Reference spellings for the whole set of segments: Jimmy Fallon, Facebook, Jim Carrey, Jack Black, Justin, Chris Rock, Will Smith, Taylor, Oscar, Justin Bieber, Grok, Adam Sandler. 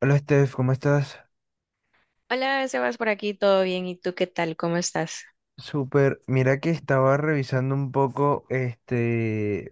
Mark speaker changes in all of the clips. Speaker 1: Hola Steph, ¿cómo estás?
Speaker 2: Hola, Sebas, por aquí, ¿todo bien? ¿Y tú qué tal? ¿Cómo estás?
Speaker 1: Súper. Mira que estaba revisando un poco,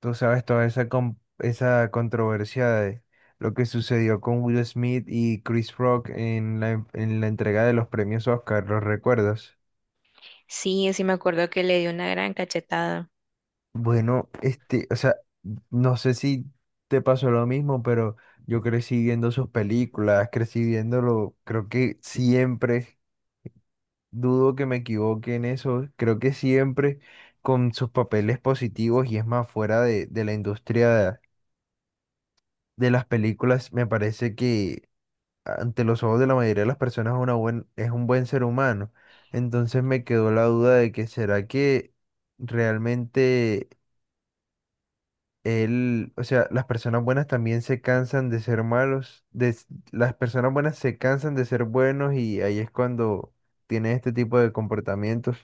Speaker 1: tú sabes, toda esa, esa controversia de lo que sucedió con Will Smith y Chris Rock en la entrega de los premios Oscar, ¿los recuerdas?
Speaker 2: Sí, sí me acuerdo que le dio una gran cachetada.
Speaker 1: Bueno, o sea, no sé si te pasó lo mismo, pero yo crecí viendo sus películas, crecí viéndolo, creo que siempre. Dudo que me equivoque en eso. Creo que siempre con sus papeles positivos y es más fuera de la industria de las películas, me parece que ante los ojos de la mayoría de las personas es un buen ser humano. Entonces me quedó la duda de que será que realmente él, o sea, las personas buenas también se cansan de ser malos, las personas buenas se cansan de ser buenos y ahí es cuando tiene este tipo de comportamientos.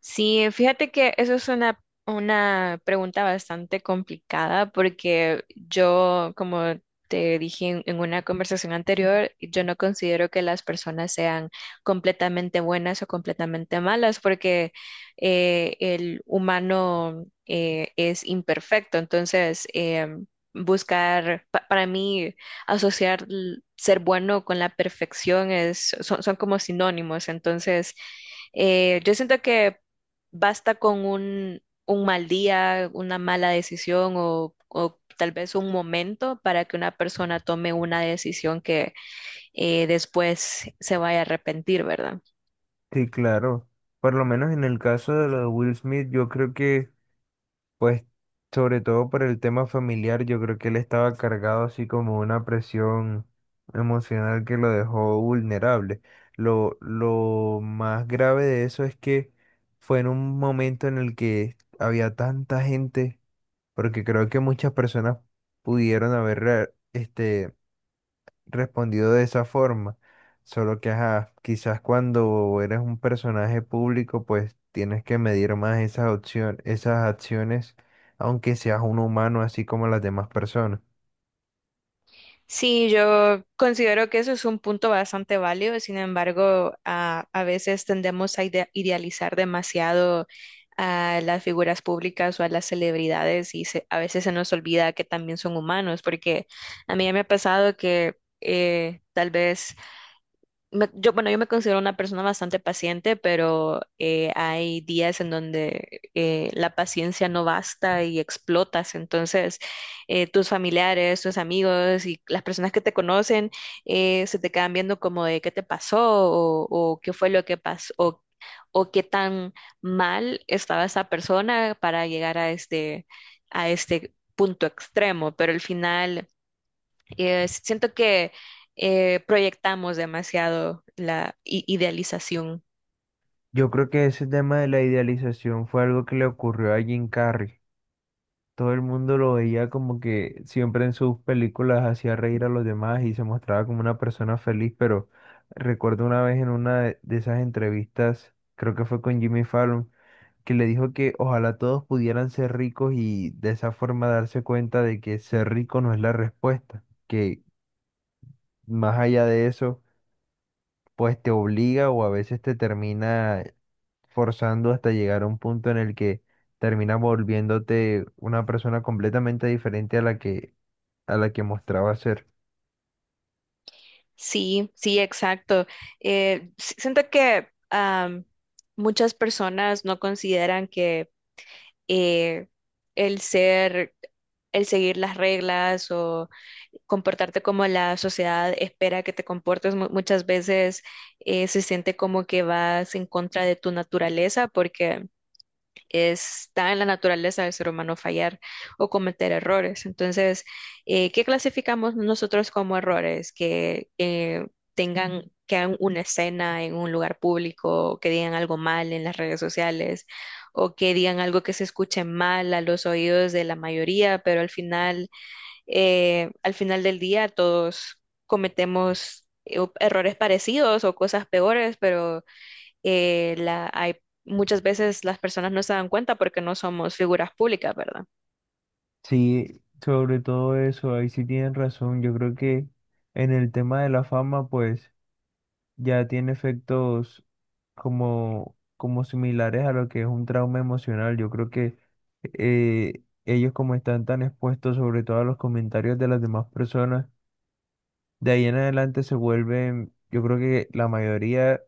Speaker 2: Sí, fíjate que eso es una pregunta bastante complicada porque yo, como te dije en una conversación anterior, yo no considero que las personas sean completamente buenas o completamente malas porque el humano es imperfecto. Entonces, buscar, para mí, asociar ser bueno con la perfección es, son como sinónimos. Entonces, yo siento que basta con un mal día, una mala decisión o tal vez un momento para que una persona tome una decisión que después se vaya a arrepentir, ¿verdad?
Speaker 1: Sí, claro. Por lo menos en el caso de lo de Will Smith, yo creo que, pues, sobre todo por el tema familiar, yo creo que él estaba cargado así como una presión emocional que lo dejó vulnerable. Lo más grave de eso es que fue en un momento en el que había tanta gente, porque creo que muchas personas pudieron haber respondido de esa forma. Solo que, ajá, quizás cuando eres un personaje público, pues tienes que medir más esas opciones, esas acciones, aunque seas un humano así como las demás personas.
Speaker 2: Sí, yo considero que eso es un punto bastante válido, sin embargo, a veces tendemos a idealizar demasiado a las figuras públicas o a las celebridades y, a veces se nos olvida que también son humanos, porque a mí ya me ha pasado que tal vez yo, bueno, yo me considero una persona bastante paciente, pero hay días en donde la paciencia no basta y explotas. Entonces, tus familiares, tus amigos y las personas que te conocen se te quedan viendo como de qué te pasó o qué fue lo que pasó o qué tan mal estaba esa persona para llegar a a este punto extremo. Pero al final si, siento que proyectamos demasiado la idealización.
Speaker 1: Yo creo que ese tema de la idealización fue algo que le ocurrió a Jim Carrey. Todo el mundo lo veía como que siempre en sus películas hacía reír a los demás y se mostraba como una persona feliz, pero recuerdo una vez en una de esas entrevistas, creo que fue con Jimmy Fallon, que le dijo que ojalá todos pudieran ser ricos y de esa forma darse cuenta de que ser rico no es la respuesta, que más allá de eso, pues te obliga o a veces te termina forzando hasta llegar a un punto en el que terminas volviéndote una persona completamente diferente a la que mostraba ser.
Speaker 2: Sí, sí, exacto. Siento que muchas personas no consideran que eh, el ser, el seguir las reglas o comportarte como la sociedad espera que te comportes muchas veces se siente como que vas en contra de tu naturaleza porque está en la naturaleza del ser humano fallar o cometer errores. Entonces, ¿qué clasificamos nosotros como errores? Que que hagan una escena en un lugar público, o que digan algo mal en las redes sociales, o que digan algo que se escuche mal a los oídos de la mayoría, pero al final del día todos cometemos errores parecidos o cosas peores, pero eh, la, hay, muchas veces las personas no se dan cuenta porque no somos figuras públicas, ¿verdad?
Speaker 1: Sí, sobre todo eso, ahí sí tienen razón. Yo creo que en el tema de la fama, pues ya tiene efectos como similares a lo que es un trauma emocional. Yo creo que ellos como están tan expuestos sobre todo a los comentarios de las demás personas, de ahí en adelante se vuelven, yo creo que la mayoría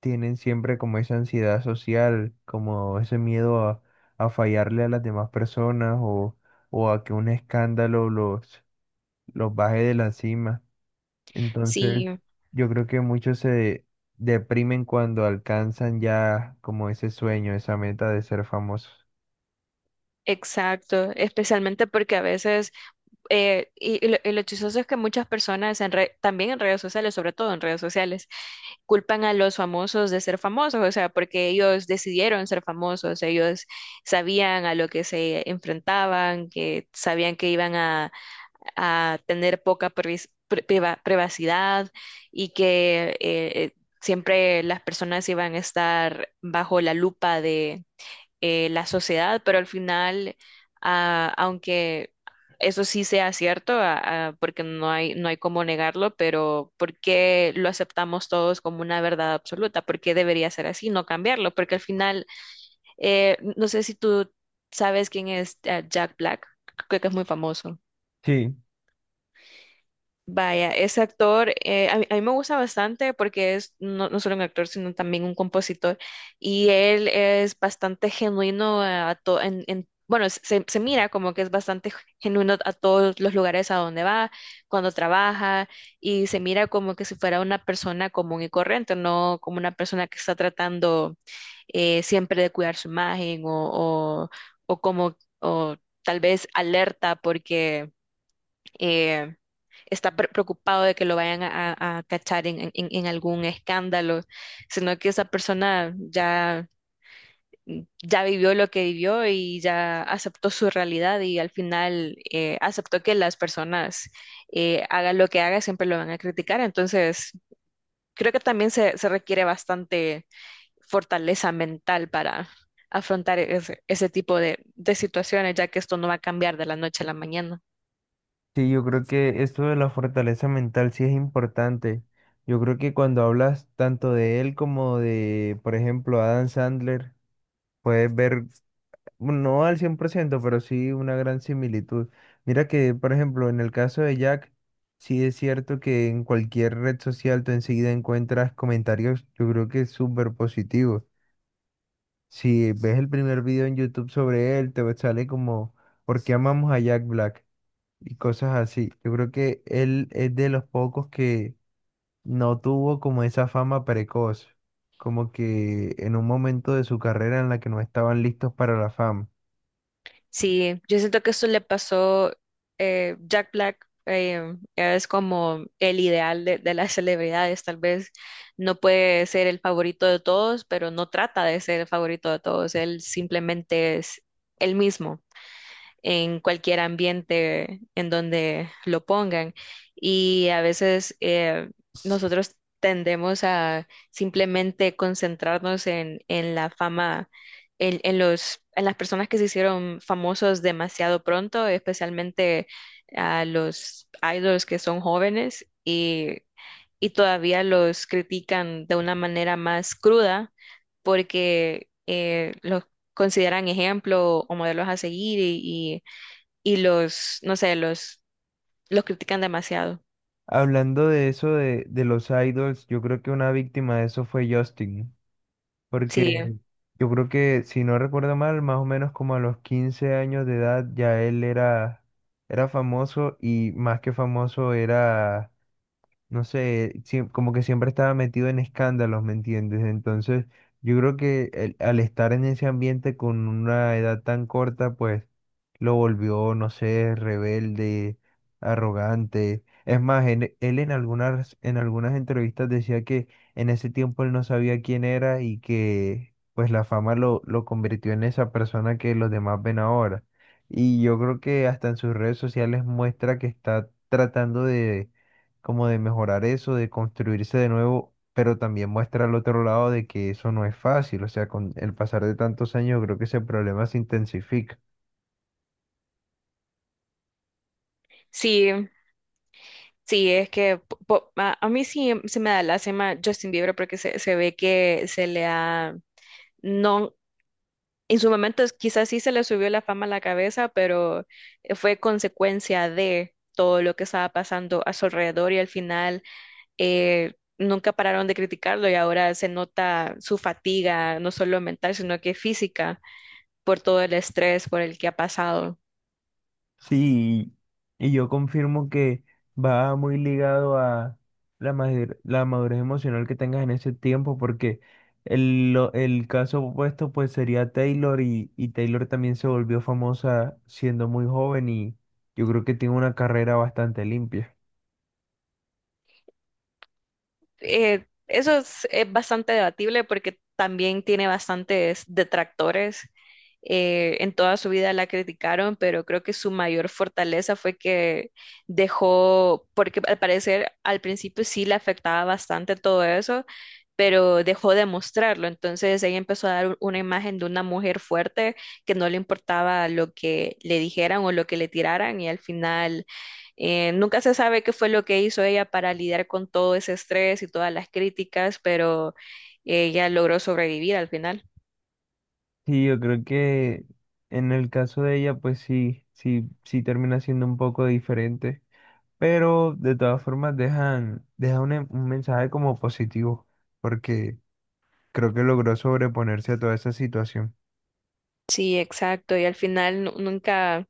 Speaker 1: tienen siempre como esa ansiedad social, como ese miedo a fallarle a las demás personas o a que un escándalo los baje de la cima. Entonces,
Speaker 2: Sí,
Speaker 1: yo creo que muchos se deprimen cuando alcanzan ya como ese sueño, esa meta de ser famosos.
Speaker 2: exacto, especialmente porque a veces, y lo chistoso es que muchas personas en también en redes sociales, sobre todo en redes sociales, culpan a los famosos de ser famosos, o sea, porque ellos decidieron ser famosos, ellos sabían a lo que se enfrentaban, que sabían que iban a tener poca privacidad y que siempre las personas iban a estar bajo la lupa de la sociedad, pero al final, aunque eso sí sea cierto, porque no hay cómo negarlo, pero ¿por qué lo aceptamos todos como una verdad absoluta? ¿Por qué debería ser así, no cambiarlo? Porque al final, no sé si tú sabes quién es Jack Black, creo que es muy famoso.
Speaker 1: Sí,
Speaker 2: Vaya, ese actor, a mí me gusta bastante porque es no solo un actor, sino también un compositor. Y él es bastante genuino a to- en- bueno, se mira como que es bastante genuino a todos los lugares a donde va, cuando trabaja, y se mira como que si fuera una persona común y corriente, no como una persona que está tratando siempre de cuidar su imagen o tal vez alerta porque eh, está preocupado de que lo vayan a cachar en algún escándalo, sino que esa persona ya vivió lo que vivió y ya aceptó su realidad y al final aceptó que las personas hagan lo que hagan, siempre lo van a criticar. Entonces, creo que también se requiere bastante fortaleza mental para afrontar ese tipo de situaciones, ya que esto no va a cambiar de la noche a la mañana.
Speaker 1: sí, yo creo que esto de la fortaleza mental sí es importante. Yo creo que cuando hablas tanto de él como de, por ejemplo, Adam Sandler, puedes ver bueno, no al 100% pero sí una gran similitud. Mira que, por ejemplo, en el caso de Jack, sí es cierto que en cualquier red social tú enseguida encuentras comentarios, yo creo que súper positivos. Si ves el primer video en YouTube sobre él, te sale como, ¿por qué amamos a Jack Black? Y cosas así. Yo creo que él es de los pocos que no tuvo como esa fama precoz, como que en un momento de su carrera en la que no estaban listos para la fama.
Speaker 2: Sí, yo siento que eso le pasó, Jack Black es como el ideal de las celebridades, tal vez no puede ser el favorito de todos, pero no trata de ser el favorito de todos, él simplemente es el mismo en cualquier ambiente en donde lo pongan. Y a veces nosotros tendemos a simplemente concentrarnos en la fama, en las personas que se hicieron famosos demasiado pronto, especialmente a los idols que son jóvenes y todavía los critican de una manera más cruda porque los consideran ejemplo o modelos a seguir y los, no sé, los critican demasiado.
Speaker 1: Hablando de eso de los idols, yo creo que una víctima de eso fue Justin,
Speaker 2: Sí,
Speaker 1: porque yo creo que, si no recuerdo mal, más o menos como a los 15 años de edad ya él era famoso y más que famoso era no sé, como que siempre estaba metido en escándalos, ¿me entiendes? Entonces, yo creo que al estar en ese ambiente con una edad tan corta, pues lo volvió, no sé, rebelde, arrogante. Es más, él en algunas entrevistas decía que en ese tiempo él no sabía quién era y que pues la fama lo convirtió en esa persona que los demás ven ahora. Y yo creo que hasta en sus redes sociales muestra que está tratando de como de mejorar eso, de construirse de nuevo, pero también muestra al otro lado de que eso no es fácil, o sea, con el pasar de tantos años creo que ese problema se intensifica.
Speaker 2: sí, sí, es que a mí sí se me da lástima Justin Bieber porque se ve que se le ha, no, en su momento quizás sí se le subió la fama a la cabeza, pero fue consecuencia de todo lo que estaba pasando a su alrededor y al final nunca pararon de criticarlo y ahora se nota su fatiga, no solo mental, sino que física, por todo el estrés por el que ha pasado.
Speaker 1: Sí, y yo confirmo que va muy ligado a la madurez emocional que tengas en ese tiempo, porque el caso opuesto pues sería Taylor y Taylor también se volvió famosa siendo muy joven y yo creo que tiene una carrera bastante limpia.
Speaker 2: Eso es bastante debatible porque también tiene bastantes detractores. En toda su vida la criticaron, pero creo que su mayor fortaleza fue que dejó, porque al parecer al principio sí le afectaba bastante todo eso, pero dejó de mostrarlo. Entonces ella empezó a dar una imagen de una mujer fuerte que no le importaba lo que le dijeran o lo que le tiraran y al final nunca se sabe qué fue lo que hizo ella para lidiar con todo ese estrés y todas las críticas, pero ella logró sobrevivir al final.
Speaker 1: Sí, yo creo que en el caso de ella, pues sí, sí, sí termina siendo un poco diferente, pero de todas formas deja un mensaje como positivo, porque creo que logró sobreponerse a toda esa situación.
Speaker 2: Sí, exacto. Y al final nunca,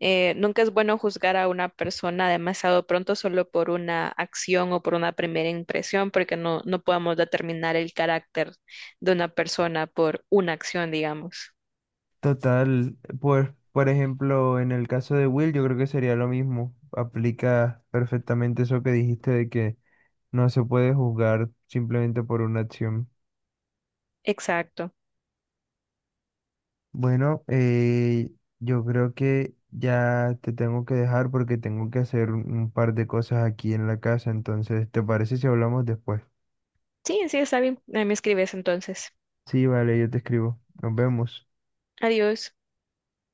Speaker 2: nunca es bueno juzgar a una persona demasiado pronto solo por una acción o por una primera impresión, porque no, no podemos determinar el carácter de una persona por una acción, digamos.
Speaker 1: Total, pues, por ejemplo, en el caso de Will, yo creo que sería lo mismo. Aplica perfectamente eso que dijiste de que no se puede juzgar simplemente por una acción.
Speaker 2: Exacto.
Speaker 1: Bueno, yo creo que ya te tengo que dejar porque tengo que hacer un par de cosas aquí en la casa. Entonces, ¿te parece si hablamos después?
Speaker 2: Sí, sí, está bien. Ahí me escribes entonces.
Speaker 1: Sí, vale, yo te escribo. Nos vemos.
Speaker 2: Adiós.